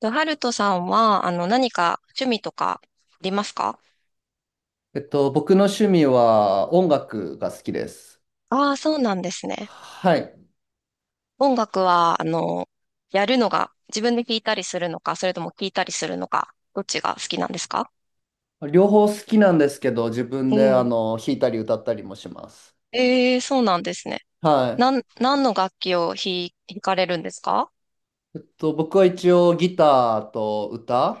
と、ハルトさんは、何か趣味とかありますか？僕の趣味は音楽が好きです。ああー、そうなんですね。はい。音楽は、やるのが、自分で聴いたりするのか、それとも聴いたりするのか、どっちが好きなんですか？両方好きなんですけど、自う分でん。弾いたり歌ったりもします。ええ、そうなんですね。は何の楽器を弾かれるんですか？い。僕は一応ギターと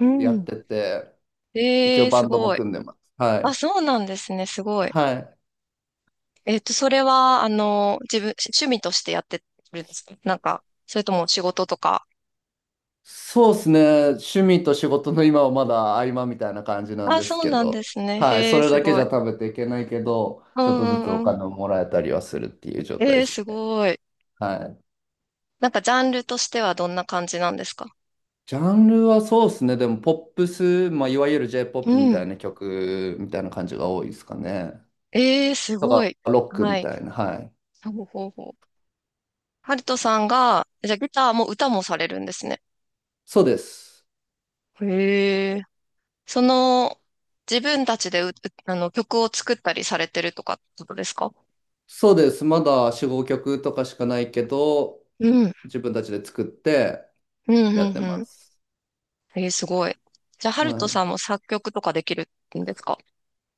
うやっん。てて、一え応え、バすンドもごい。組んでます。はあ、い。そうなんですね、すごい。はい。それは、趣味としてやってるんですか？なんか、それとも仕事とか。そうですね。趣味と仕事の今はまだ合間みたいな感じなんあ、ですそうけなんでど、すね。はい。へそえ、れすだけごじい。ゃ食べていけないけど、うちょっんとずつうんおうん。金をもらえたりはするっていう状態えでえ、すすね。ごい。はい。なんかジャンルとしてはどんな感じなんですか？ジャンルはそうですね。でも、ポップス、まあ、いわゆる う J-POP みたん。いな曲みたいな感じが多いですかね。ええ、すとごか、い。ロックはみい。たいな。はい。ほうほうほう。ハルトさんが、じゃあギターも歌もされるんですね。そうです。へえ。その、自分たちで曲を作ったりされてるとかってことですか？そうです。まだ4、5曲とかしかないけど、うん。自分たちで作ってうん、やっうてん、うまん。す。ええ、すごい。じゃあ、ハルはトい。さんも作曲とかできるんですか？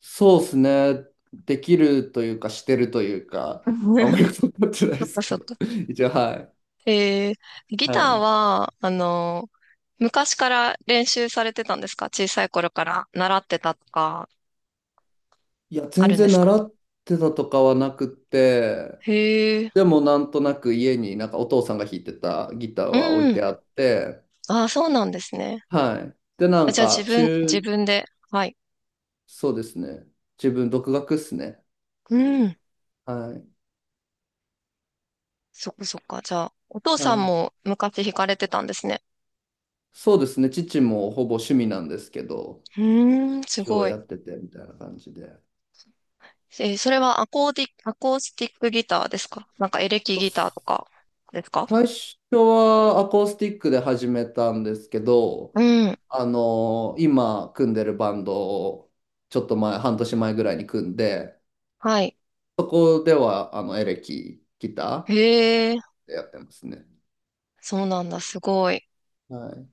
そうですね。できるというか、してるというか、あんまり分かってないそでっすかけそっど。か。一応、はい。えギタはーい。は、昔から練習されてたんですか？小さい頃から習ってたとか、いや、あ全るんで然すか？習ってたとかはなくて、へえ、でもなんとなく家になんかお父さんが弾いてたギターうは置いん。てあって、ああ、そうなんですね。はい。で、なあ、んじゃあか自中、分で、はい。そうですね。自分独学っすね。うん。はい。そっかそっか。じゃあ、お父はさんい。も昔弾かれてたんですね。そうですね。父もほぼ趣味なんですけど、うーん、す一応ごい。やっててみたいな感じで。それはアコースティックギターですか？なんかエレキギターとかですか？最初はアコースティックで始めたんですけど、うん。あの今組んでるバンドをちょっと前、半年前ぐらいに組んで、はい。そこではあのエレキギター、へえ、やってますね。そうなんだ。すごい。はい。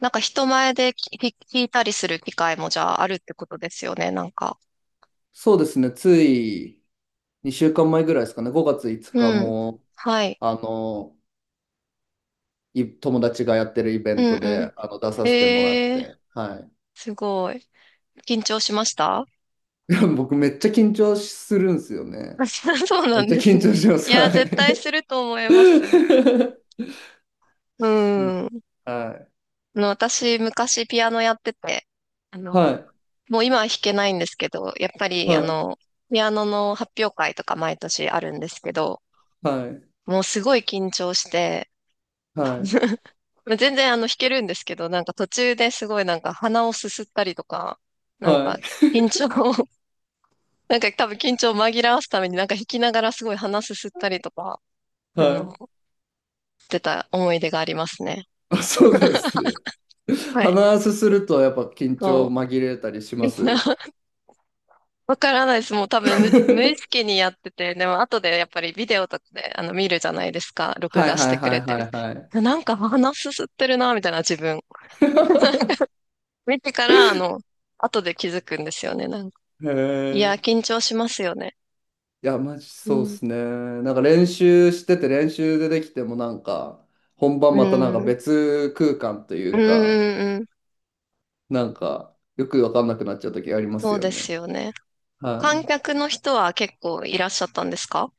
なんか人前で聞いたりする機会もじゃああるってことですよね、なんか。そうですね。つい2週間前ぐらいですかね。5月5日うん。も、はい。あの、い友達がやってるイベうンんトうで、出ん。させてもらっえー、て。はすごい。緊張しました？ い。でも僕めっちゃ緊張するんですよね。そうめなっんちゃです緊ね。張しまいす。はや、絶対すい。ると思います。うしん。はい。私、昔ピアノやってて、あの、はい。もう今は弾けないんですけど、やっぱり、ピアノの発表会とか毎年あるんですけど、はい。もうすごい緊張して、はい。全然弾けるんですけど、なんか途中ですごいなんか鼻をすすったりとか、なはんい。かはい。緊張を、なんか多分緊張を紛らわすためになんか弾きながらすごい鼻すすったりとか、はあの、いしてた思い出がありますね。あ、そうなんですね。はい。話すするとやっぱ緊張そ紛れたりしう。ます。わからないです。もう多分無意 識にやってて、でも後でやっぱりビデオとかで見るじゃないですか。録はい画しはていくはれいてはる。いはい。なんか鼻すすってるな、みたいな自分。見てから、後で気づくんですよね。なんか、へいや、え。緊張しますよね。いや、マジうそうっん。すね。なんか練習してて練習でできてもなんか、本う番またなんん。かうん、別空間とういんうか、うん。なんか、よくわかんなくなっちゃう時ありまそすうよですね。よね。は観い。客の人は結構いらっしゃったんですか？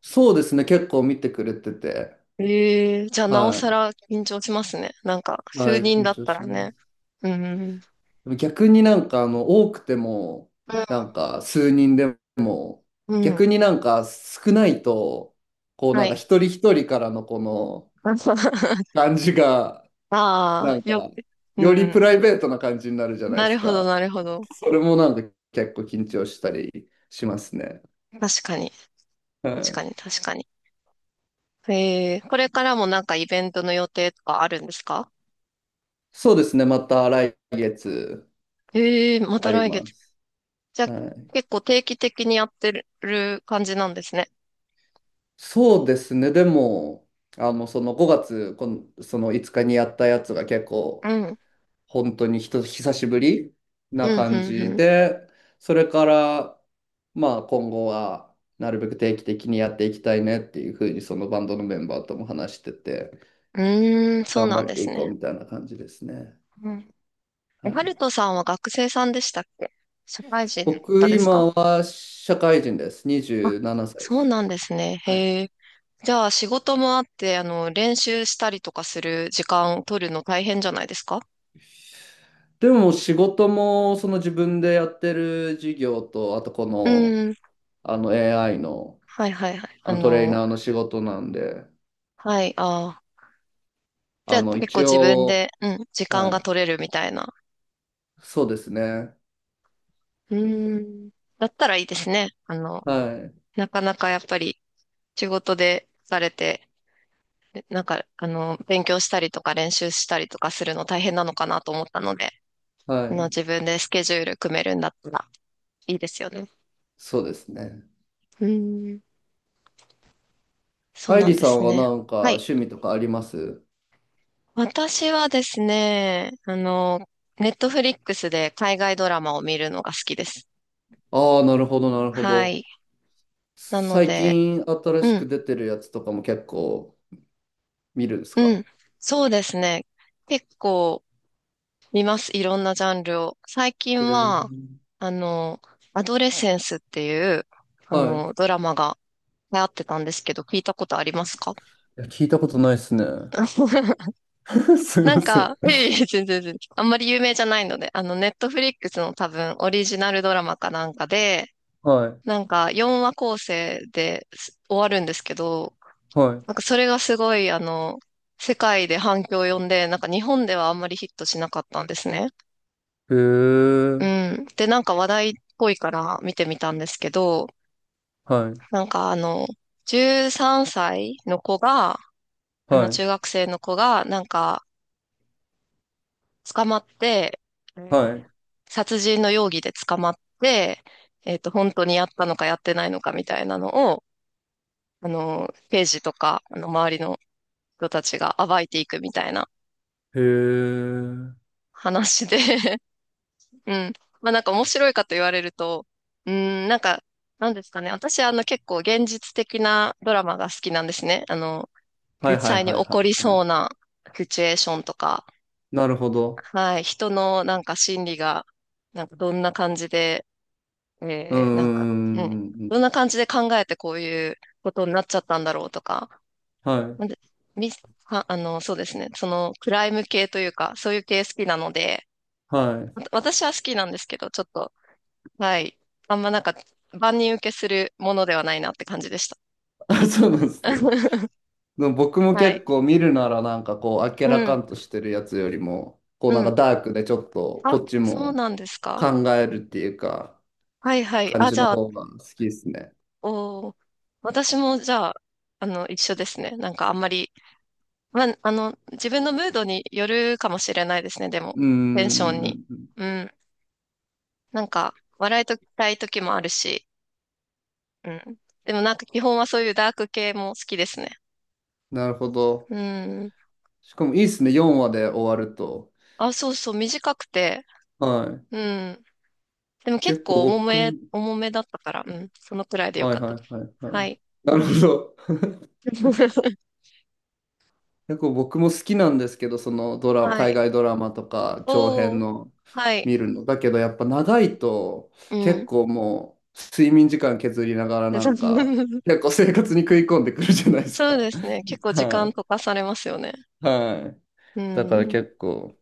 そうですね。結構見てくれてて。ええー、じゃあなおさはら緊張しますね。なんか、い。は数い、人緊だっ張たしらまね。す。うん。でも逆になんかあの、多くても、うん。なんか数人でも、うん、逆になんか少ないと、こうはなんかい。一人一人からのこの、感じが、あなんあ、よか、く。うよりプん。ライベートな感じになるじゃないでなるすほど、か。なるほど。それもなんか結構緊張したりしますね。確かに。は確かい。に、確かに。ええー、これからもなんかイベントの予定とかあるんですか？そうですね。また来月ええー、まあたり来ま月。す。じゃあ、はい。結構定期的にやってる感じなんですね。そうですね。でも、その5月、この、その5日にやったやつが結う構ん。本当にひと久しぶりうなん、感うじん、で、それから、まあ今後はなるべく定期的にやっていきたいねっていうふうにそのバンドのメンバーとも話してて、うん。うーん、そう頑な張んっでてすいこね。うみたいな感じですね。うん。はえ、ハい、ルトさんは学生さんでしたっけ？社会人の僕方ですか？今は社会人です。あ、27歳でそうす。なんですね。はい。へえ。じゃあ、仕事もあって、練習したりとかする時間取るの大変じゃないですか？でも仕事もその自分でやってる事業と、あとこうの、ん。あの AI の、はい、はい、はい。あのトレーナーの仕事なんで、はい、ああ。じゃああ、の結構一自分応で、うん、時間はがい。取れるみたいな。そうですね。うん。だったらいいですね。はい。なかなかやっぱり仕事で疲れて、なんか、勉強したりとか練習したりとかするの大変なのかなと思ったので、はい。自分でスケジュール組めるんだったらいいですよね。そうですね。うん、そう愛な理んでさんすはね。なんかはい。趣味とかあります私はですね、ネットフリックスで海外ドラマを見るのが好きです。ああー、なるほど、なるほはど。い。なの最で、近新しうん、く出てるやつとかも結構見るんですうかん。そうですね。結構、見ます。いろんなジャンルを。最近へは、えあの、アドレセンスっていう、はい。いドラマが流行ってたんですけど、聞いたことありますか？ や、聞いたことないですね。すいなまんせん。か、いえいえ、全然全然。あんまり有名じゃないので、ネットフリックスの多分オリジナルドラマかなんかで、はい。なんか4話構成です終わるんですけど、はなんかそれがすごい、世界で反響を呼んで、なんか日本ではあんまりヒットしなかったんですね。い。へうえ。ん。で、なんか話題っぽいから見てみたんですけど、はい。なんか13歳の子が、はい。中学生の子が、なんか、捕まって、えーはい。殺人の容疑で捕まって、本当にやったのかやってないのかみたいなのを、刑事とか、周りの人たちが暴いていくみたいなへえ。話で。うん。まあなんか面白いかと言われると、うーん、なんか、なんですかね。私結構現実的なドラマが好きなんですね。は実いはい際にはい起はこりいはそい。うなシチュエーションとか、なるほど。はい、人のなんか心理が、なんかどんな感じで、うんうなんか、んううん、んうんうん。どんな感じで考えてこういうことになっちゃったんだろうとか、はい。なんで、み、あ、そうですね。そのクライム系というか、そういう系好きなので、はい。私は好きなんですけど、ちょっと、はい。あんまなんか、万人受けするものではないなって感じでした。あ、そうなんですね。でも僕もは結い。構見るならなんかこう明うらかん、んとしてるやつよりもこううなんかん。ダークでちょっとこあ、っちそうもなんです考か。えるっていうかはいはい。感あ、じじのゃあ、方が好きですね。おー、私もじゃあ、一緒ですね。なんかあんまり、まあ、自分のムードによるかもしれないですね、でも、うーテンションに。ん、うん。なんか、笑いとたい時もあるし、うん。でもなんか基本はそういうダーク系も好きですね。なるほど。うん。しかもいいですね、4話で終わると。あ、そうそう、短くて、はい。うん。でも結結構構重め、僕、重めだったから、うん、そのくらいでよはかいったはいです。はいははい。い。なるほど。結構僕も好きなんですけど、そのドラ、は海い。外ドラマとか長お編ー、のはい。見るの。だけどやっぱ長いとう結ん。構もう睡眠時間削りながらでなそ んか 結構生活に食い込んでくるじゃないですそうか。ですね。結 構時間は溶かされますよね。い。はい。うだからん。結構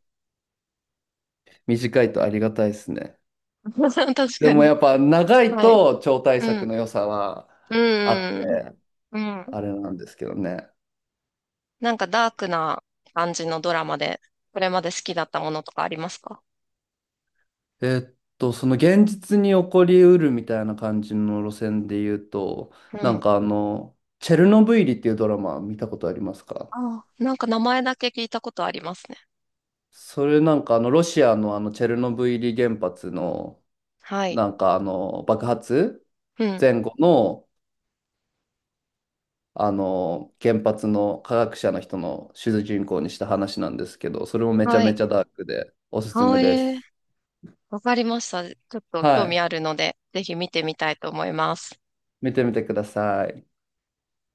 短いとありがたいですね。確でかもに。やっぱ長いはい。と超大うん。作の良さはうあっん。て、うん。うん、あれなんですけどね。なんかダークな感じのドラマで、これまで好きだったものとかありますか？その現実に起こりうるみたいな感じの路線で言うと、うなん。んかあの、チェルノブイリっていうドラマ見たことありますかああ、なんか名前だけ聞いたことありますね。それなんかあの、ロシアのあの、チェルノブイリ原発の、はい。なんかあの、爆発うん。前後の、あの、原発の科学者の人の主人公にした話なんですけど、それもめちゃはめい。ちゃダークでおすすめあでえす。わかりました。ちょっとは興味い。あるので、ぜひ見てみたいと思います。見てみてください。